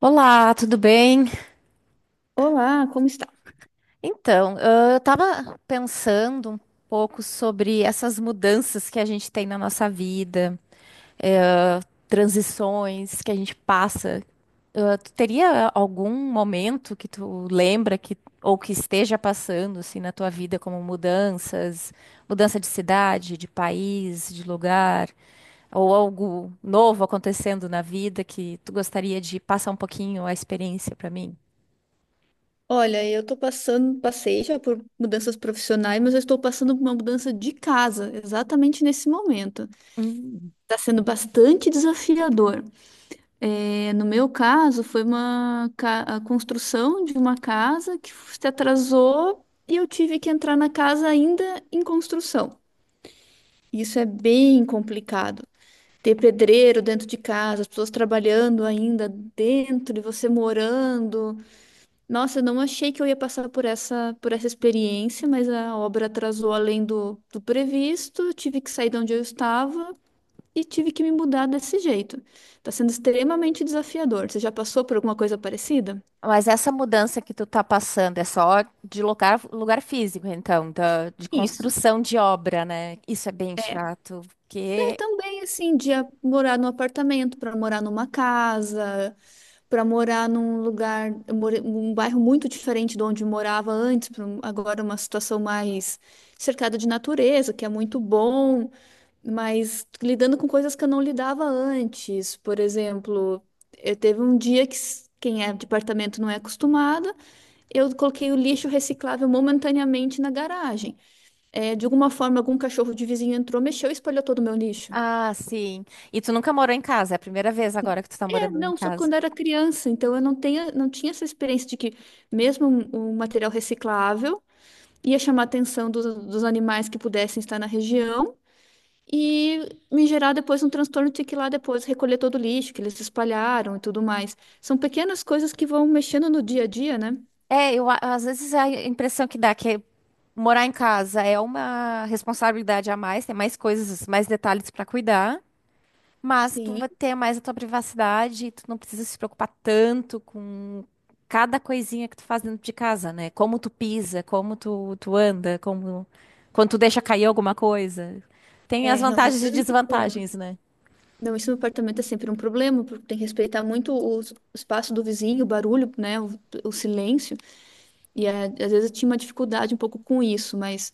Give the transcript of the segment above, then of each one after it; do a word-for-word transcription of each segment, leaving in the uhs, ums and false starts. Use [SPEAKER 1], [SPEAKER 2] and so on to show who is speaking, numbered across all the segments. [SPEAKER 1] Olá, tudo bem?
[SPEAKER 2] Olá, como está?
[SPEAKER 1] Então, ah, eu estava pensando um pouco sobre essas mudanças que a gente tem na nossa vida, eh, transições que a gente passa. Ah, tu teria algum momento que tu lembra que ou que esteja passando assim na tua vida como mudanças, mudança de cidade, de país, de lugar, ou algo novo acontecendo na vida que tu gostaria de passar um pouquinho a experiência para mim?
[SPEAKER 2] Olha, eu tô passando, passei já por mudanças profissionais, mas eu estou passando por uma mudança de casa, exatamente nesse momento.
[SPEAKER 1] Hum.
[SPEAKER 2] Está sendo bastante desafiador. É, no meu caso, foi uma ca- a construção de uma casa que se atrasou e eu tive que entrar na casa ainda em construção. Isso é bem complicado. Ter pedreiro dentro de casa, as pessoas trabalhando ainda dentro e você morando. Nossa, eu não achei que eu ia passar por essa, por essa experiência, mas a obra atrasou além do, do previsto, eu tive que sair de onde eu estava e tive que me mudar desse jeito. Tá sendo extremamente desafiador. Você já passou por alguma coisa parecida?
[SPEAKER 1] Mas essa mudança que tu tá passando é só de lugar, lugar físico, então, da, de
[SPEAKER 2] Isso,
[SPEAKER 1] construção de obra, né? Isso é bem
[SPEAKER 2] é.
[SPEAKER 1] chato,
[SPEAKER 2] Não,
[SPEAKER 1] porque...
[SPEAKER 2] também, assim, de a- morar num apartamento, para morar numa casa, para morar num lugar, eu morei- um bairro muito diferente de onde eu morava antes, pra um- agora uma situação mais cercada de natureza, que é muito bom. Mas lidando com coisas que eu não lidava antes. Por exemplo, eu teve um dia que s- quem é de apartamento não é acostumado, eu coloquei o lixo reciclável momentaneamente na garagem. É, de alguma forma, algum cachorro de vizinho entrou, mexeu e espalhou todo o meu lixo.
[SPEAKER 1] Ah, sim. E tu nunca morou em casa, é a primeira vez agora que tu tá
[SPEAKER 2] É,
[SPEAKER 1] morando em
[SPEAKER 2] não, só
[SPEAKER 1] casa.
[SPEAKER 2] quando era criança, então eu não tenho, não tinha essa experiência de que mesmo um, um material reciclável ia chamar a atenção dos, dos animais que pudessem estar na região e me gerar depois um transtorno de ter que ir lá depois recolher todo o lixo que eles espalharam e tudo mais. São pequenas coisas que vão mexendo no dia a dia, né?
[SPEAKER 1] É, eu, a- às vezes a impressão que dá é que morar em casa é uma responsabilidade a mais, tem mais coisas, mais detalhes pra cuidar. Mas tu
[SPEAKER 2] Sim,
[SPEAKER 1] vai ter mais a tua privacidade, tu não precisa se preocupar tanto com cada coisinha que tu faz dentro de casa, né? Como tu pisa, como tu, tu anda, como quando tu deixa cair alguma coisa. Tem as
[SPEAKER 2] é, não,
[SPEAKER 1] vantagens
[SPEAKER 2] isso
[SPEAKER 1] e
[SPEAKER 2] era um problema.
[SPEAKER 1] desvantagens, né?
[SPEAKER 2] Não, isso no apartamento é sempre um problema, porque tem que respeitar muito o s- o espaço do vizinho, o barulho, né, o, o silêncio. E é, às vezes eu tinha uma dificuldade um pouco com isso, mas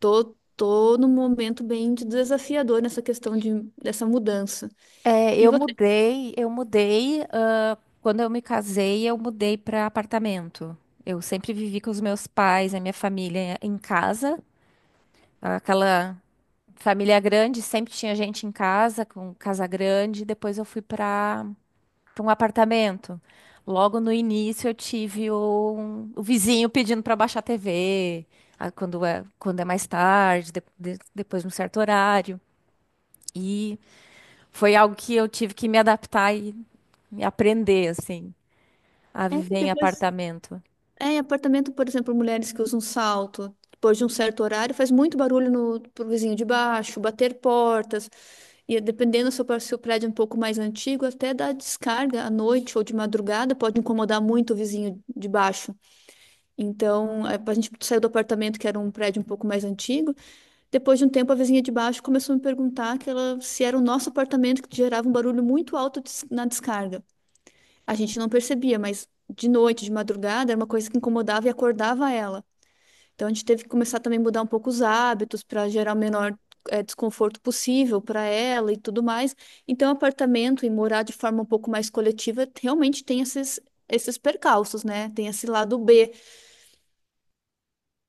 [SPEAKER 2] tô, tô num momento bem de- desafiador nessa questão de, dessa mudança.
[SPEAKER 1] É,
[SPEAKER 2] E
[SPEAKER 1] eu
[SPEAKER 2] você?
[SPEAKER 1] mudei, eu mudei, ah, quando eu me casei, eu mudei para apartamento. Eu sempre vivi com os meus pais, a minha família em casa, aquela família grande, sempre tinha gente em casa, com casa grande. Depois eu fui para para um apartamento. Logo no início eu tive um- o vizinho pedindo para baixar a T V, a- quando é, quando é mais tarde, de- de- depois de um certo horário. E foi algo que eu tive que me adaptar e me aprender, assim, a
[SPEAKER 2] é,
[SPEAKER 1] viver em
[SPEAKER 2] depois
[SPEAKER 1] apartamento.
[SPEAKER 2] É, em apartamento, por exemplo, mulheres que usam salto, depois de um certo horário, faz muito barulho no, pro vizinho de baixo, bater portas. E dependendo se o par- se o prédio é um pouco mais antigo, até dá descarga à noite ou de madrugada, pode incomodar muito o vizinho de baixo. Então, a a gente saiu do apartamento, que era um prédio um pouco mais antigo. Depois de um tempo, a vizinha de baixo começou a me perguntar que ela, se era o nosso apartamento que gerava um barulho muito alto des- na descarga. A gente não percebia, mas de noite, de madrugada, era uma coisa que incomodava e acordava ela. Então a gente teve que começar também a mudar um pouco os hábitos para gerar o menor eh, desconforto possível para ela e tudo mais. Então, apartamento e morar de forma um pouco mais coletiva realmente tem esses, esses percalços, né? Tem esse lado B.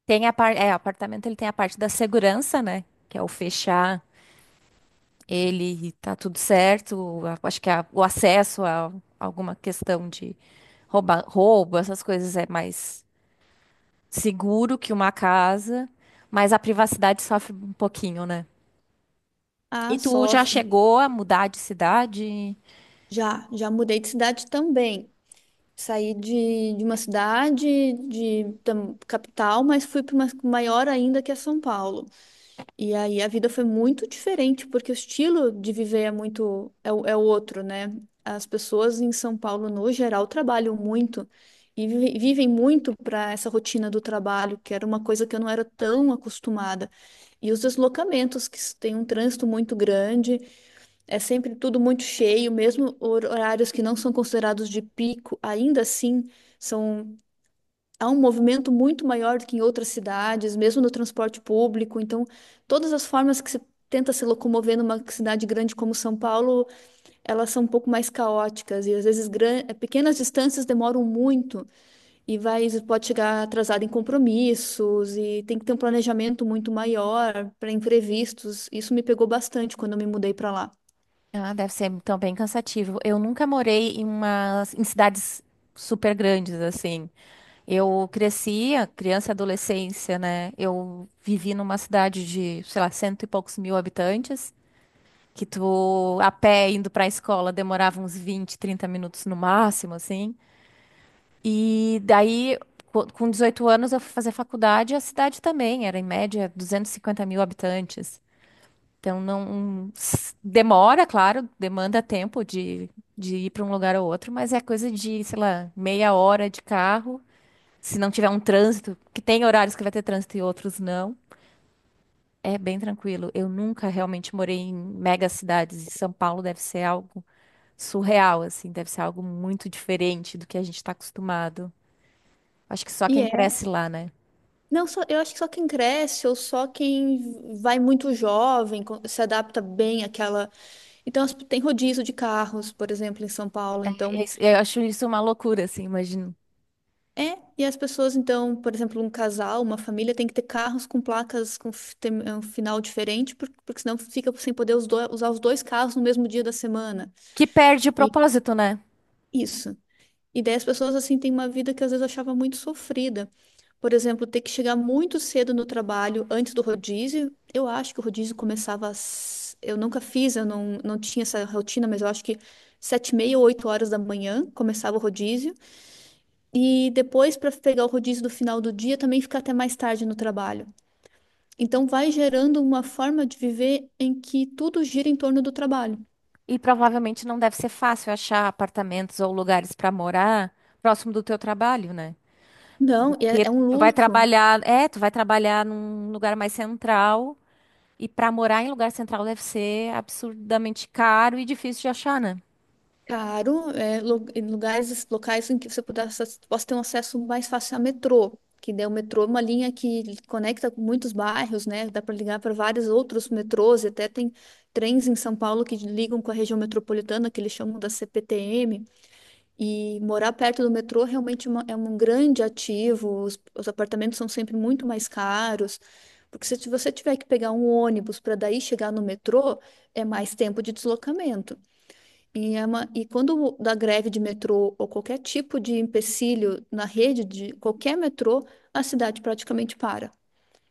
[SPEAKER 1] Tem a parte, é, apartamento ele tem a parte da segurança, né? Que é o fechar ele e tá tudo certo. A- Acho que a- o acesso a alguma questão de rouba- roubo, essas coisas é mais seguro que uma casa, mas a privacidade sofre um pouquinho, né?
[SPEAKER 2] Ah,
[SPEAKER 1] E tu já
[SPEAKER 2] sofre.
[SPEAKER 1] chegou a mudar de cidade?
[SPEAKER 2] Já, já mudei de cidade também. Saí de, de uma cidade, de, tam- capital, mas fui para uma maior ainda que é São Paulo. E aí a vida foi muito diferente, porque o estilo de viver é muito, é, o- é o outro, né? As pessoas em São Paulo, no geral, trabalham muito e vive- vivem muito para essa rotina do trabalho, que era uma coisa que eu não era tão acostumada. E os deslocamentos, que s- tem um trânsito muito grande, é sempre tudo muito cheio, mesmo hor- horários que não são considerados de pico, ainda assim são há um movimento muito maior do que em outras cidades, mesmo no transporte público. Então, todas as formas que se tenta se locomover numa cidade grande como São Paulo, elas são um pouco mais caóticas e às vezes gran- eh, pequenas distâncias demoram muito e vai pode chegar atrasado em compromissos e tem que ter um planejamento muito maior para imprevistos. Isso me pegou bastante quando eu me mudei para lá.
[SPEAKER 1] Ah, deve ser então bem cansativo. Eu nunca morei em umas em cidades super grandes assim. Eu cresci, a criança e adolescência, né? Eu vivi numa cidade de, sei lá, cento e poucos mil habitantes, que tu a pé indo pra escola demorava uns vinte, trinta minutos no máximo, assim. E daí, co- com dezoito anos, eu fui fazer faculdade e a cidade também era, em média, duzentos e cinquenta mil habitantes. Então, não s- demora, claro, demanda tempo de, de ir para um lugar ou outro, mas é coisa de, sei lá, meia hora de carro. Se não tiver um trânsito, que tem horários que vai ter trânsito e outros não, é bem tranquilo. Eu nunca realmente morei em mega cidades e São Paulo deve ser algo surreal, assim, deve ser algo muito diferente do que a gente está acostumado. Acho que só
[SPEAKER 2] E
[SPEAKER 1] quem
[SPEAKER 2] é.
[SPEAKER 1] cresce lá, né?
[SPEAKER 2] Não, só, eu acho que só quem cresce ou só quem vai muito jovem co- se adapta bem àquela. Então, as- tem rodízio de carros, por exemplo, em São Paulo. Então,
[SPEAKER 1] Isso- Eu acho isso uma loucura, assim, imagino.
[SPEAKER 2] é. E as pessoas, então, por exemplo, um casal, uma família tem que ter carros com placas com f- tem- é, um final diferente, por- porque senão fica sem poder os do- usar os dois carros no mesmo dia da semana.
[SPEAKER 1] Que perde o
[SPEAKER 2] E
[SPEAKER 1] propósito, né?
[SPEAKER 2] isso. E daí as pessoas, assim, têm uma vida que às vezes eu achava muito sofrida. Por exemplo, ter que chegar muito cedo no trabalho antes do rodízio. Eu acho que o rodízio começava às... Eu nunca fiz, eu não, não tinha essa rotina, mas eu acho que sete e meia ou oito horas da manhã começava o rodízio. E depois, para pegar o rodízio do final do dia, também fica até mais tarde no trabalho. Então, vai gerando uma forma de viver em que tudo gira em torno do trabalho.
[SPEAKER 1] E provavelmente não deve ser fácil achar apartamentos ou lugares pra morar próximo do teu trabalho, né?
[SPEAKER 2] Não, e é,
[SPEAKER 1] Porque
[SPEAKER 2] é um
[SPEAKER 1] tu vai
[SPEAKER 2] luxo
[SPEAKER 1] trabalhar, é, tu vai trabalhar num lugar mais central e pra morar em lugar central deve ser absurdamente caro e difícil de achar, né?
[SPEAKER 2] caro, é, lu- em lugares, locais em que você puder, acess- possa ter um acesso mais fácil a metrô, que daí o metrô é uma linha que conecta com muitos bairros, né? Dá para ligar para vários outros metrôs, e até tem trens em São Paulo que ligam com a região metropolitana, que eles chamam da C P T M. E morar perto do metrô realmente é uma- é um grande ativo. Os, os apartamentos são sempre muito mais caros, porque se você tiver que pegar um ônibus para daí chegar no metrô, é mais tempo de deslocamento. E, é uma, e quando dá greve de metrô ou qualquer tipo de empecilho na rede de qualquer metrô, a cidade praticamente para.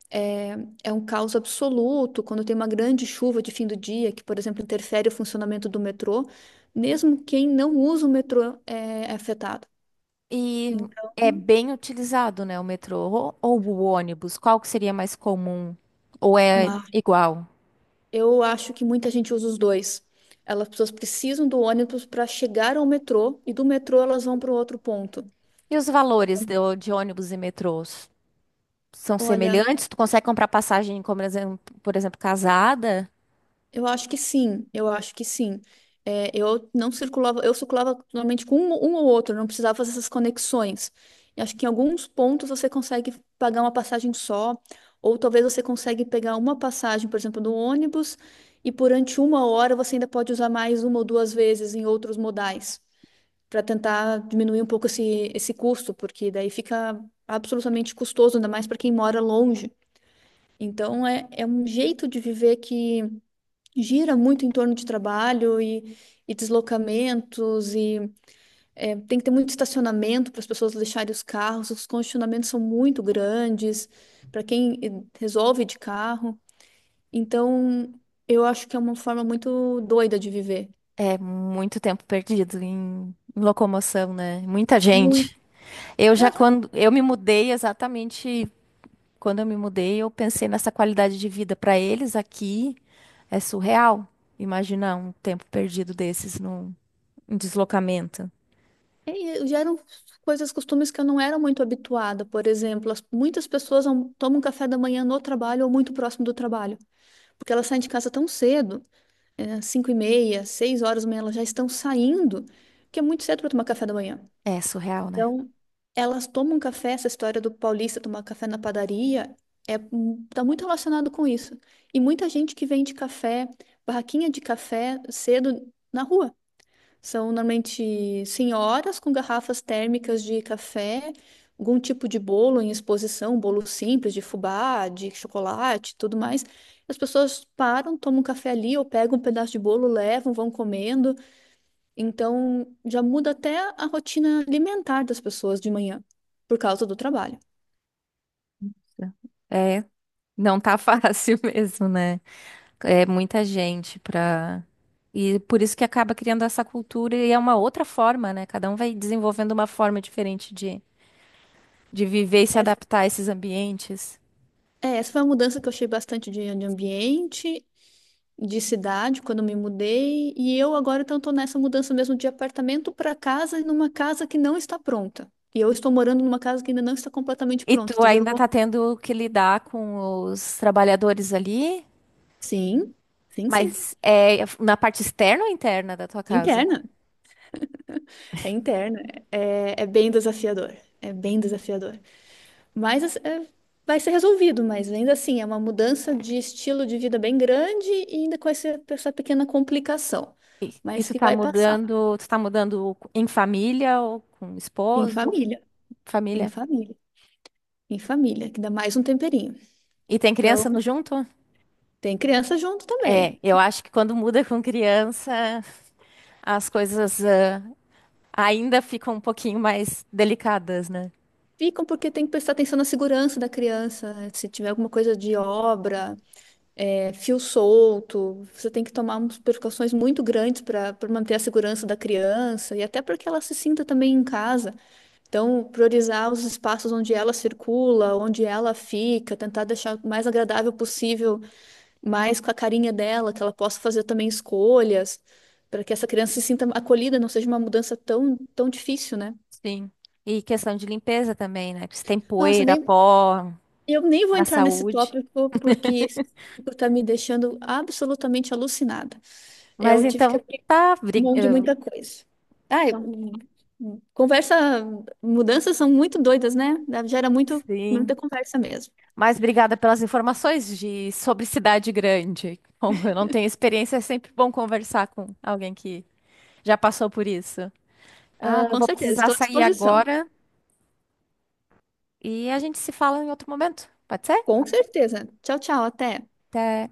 [SPEAKER 2] É, é um caos absoluto quando tem uma grande chuva de fim do dia, que, por exemplo, interfere o funcionamento do metrô. Mesmo quem não usa o metrô é é afetado.
[SPEAKER 1] E
[SPEAKER 2] Então,
[SPEAKER 1] é bem utilizado, né, o metrô ou, ou o ônibus, qual que seria mais comum? Ou é
[SPEAKER 2] uma-
[SPEAKER 1] igual?
[SPEAKER 2] eu acho que muita gente usa os dois. Elas, as pessoas precisam do ônibus para chegar ao metrô e do metrô elas vão para o outro ponto.
[SPEAKER 1] E os valores do- de ônibus e metrôs são
[SPEAKER 2] Olha,
[SPEAKER 1] semelhantes, tu consegue comprar passagem, como por exemplo, por exemplo, casada,
[SPEAKER 2] eu acho que sim, eu acho que sim. É, eu não circulava, eu circulava normalmente com um, um ou outro, não precisava fazer essas conexões. E acho que em alguns pontos você consegue pagar uma passagem só, ou talvez você consegue pegar uma passagem, por exemplo, do ônibus, e durante uma hora você ainda pode usar mais uma ou duas vezes em outros modais. Para tentar diminuir um pouco esse, esse custo, porque daí fica absolutamente custoso, ainda mais para quem mora longe. Então, é, é um jeito de viver que gira muito em torno de trabalho e, e deslocamentos, e é, tem que ter muito estacionamento para as pessoas deixarem os carros, os congestionamentos são muito grandes para quem eh, resolve de carro. Então, eu acho que é uma forma muito doida de viver.
[SPEAKER 1] é muito tempo perdido em, em locomoção, né? Muita
[SPEAKER 2] Muito.
[SPEAKER 1] gente. Eu já quando eu me mudei exatamente quando eu me mudei, eu pensei nessa qualidade de vida para eles aqui é surreal. Imaginar um tempo perdido desses num em deslocamento.
[SPEAKER 2] É, e já eram coisas, costumes que eu não era muito habituada. Por exemplo, as- muitas pessoas não tomam café da manhã no trabalho ou muito próximo do trabalho, porque elas saem de casa tão cedo, é, cinco e meia, seis horas da manhã, elas já estão saindo, que é muito cedo para tomar café da manhã.
[SPEAKER 1] É surreal, né?
[SPEAKER 2] Então, elas tomam café, essa história do paulista tomar café na padaria é hum, tá muito relacionado com isso. E muita gente que vende café, barraquinha de café cedo na rua. São normalmente senhoras com garrafas térmicas de café, algum tipo de bolo em exposição, bolo simples de fubá, de chocolate, tudo mais. As pessoas param, tomam um café ali ou pegam um pedaço de bolo, levam, vão comendo. Então já muda até a rotina alimentar das pessoas de manhã, por causa do trabalho.
[SPEAKER 1] É, não tá fácil mesmo, né? É muita gente pra. E por isso que acaba criando essa cultura e é uma outra forma, né? Cada um vai desenvolvendo uma forma diferente de, de viver e se
[SPEAKER 2] Essa,
[SPEAKER 1] adaptar a esses ambientes.
[SPEAKER 2] é, essa foi uma mudança que eu achei bastante de, de ambiente de cidade quando me mudei e eu agora então estou nessa mudança mesmo de apartamento para casa e numa casa que não está pronta. E eu estou morando numa casa que ainda não está completamente
[SPEAKER 1] E
[SPEAKER 2] pronta.
[SPEAKER 1] tu
[SPEAKER 2] Tu já
[SPEAKER 1] ainda
[SPEAKER 2] jogou?
[SPEAKER 1] tá tendo que lidar com os trabalhadores ali,
[SPEAKER 2] Sim, sim, sim.
[SPEAKER 1] mas é na parte externa ou interna da tua casa?
[SPEAKER 2] Interna. É interna. É, é bem desafiador. É bem desafiador. Mas assim, é- vai ser resolvido, mas ainda assim é uma mudança de estilo de vida bem grande e ainda com essa, essa pequena complicação.
[SPEAKER 1] E, e
[SPEAKER 2] Mas
[SPEAKER 1] tu
[SPEAKER 2] que
[SPEAKER 1] tá
[SPEAKER 2] vai passar.
[SPEAKER 1] mudando, tu tá mudando em família ou com
[SPEAKER 2] Em
[SPEAKER 1] esposo,
[SPEAKER 2] família. Em
[SPEAKER 1] família?
[SPEAKER 2] família. Em família, que dá mais um temperinho.
[SPEAKER 1] E tem
[SPEAKER 2] Então,
[SPEAKER 1] criança no junto?
[SPEAKER 2] tem criança junto também.
[SPEAKER 1] É, eu acho que quando muda com criança as coisas ah, ainda ficam um pouquinho mais delicadas, né?
[SPEAKER 2] Ficam porque tem que prestar atenção na segurança da criança, né? Se tiver alguma coisa de obra, é, fio solto, você tem que tomar umas precauções muito grandes para para manter a segurança da criança e até para que ela se sinta também em casa. Então, priorizar os espaços onde ela circula, onde ela fica, tentar deixar o mais agradável possível, mais com a carinha dela, que ela possa fazer também escolhas, para que essa criança se sinta acolhida, não seja uma mudança tão, tão difícil, né?
[SPEAKER 1] Sim. E questão de limpeza também, né? Que se tem
[SPEAKER 2] Nossa,
[SPEAKER 1] poeira,
[SPEAKER 2] nem
[SPEAKER 1] pó
[SPEAKER 2] Eu nem vou
[SPEAKER 1] para a
[SPEAKER 2] entrar nesse
[SPEAKER 1] saúde.
[SPEAKER 2] tópico porque esse tópico tá me deixando absolutamente alucinada.
[SPEAKER 1] Mas
[SPEAKER 2] Eu tive que
[SPEAKER 1] então
[SPEAKER 2] abrir
[SPEAKER 1] tá, bri-
[SPEAKER 2] mão de
[SPEAKER 1] eu-
[SPEAKER 2] muita coisa. Ai,
[SPEAKER 1] então,
[SPEAKER 2] hum, hum, conversa, mudanças são muito doidas, né? Dá- Gera muito, muita
[SPEAKER 1] sim.
[SPEAKER 2] conversa mesmo.
[SPEAKER 1] Mas obrigada pelas informações de sobre cidade grande. Como eu não tenho experiência, é sempre bom conversar com alguém que já passou por isso.
[SPEAKER 2] Ah,
[SPEAKER 1] Ah, eu
[SPEAKER 2] com
[SPEAKER 1] vou
[SPEAKER 2] certeza,
[SPEAKER 1] precisar
[SPEAKER 2] estou à
[SPEAKER 1] sair
[SPEAKER 2] disposição.
[SPEAKER 1] agora e a gente se fala em outro momento. Pode ser?
[SPEAKER 2] Com certeza. Tchau, tchau, até.
[SPEAKER 1] Até.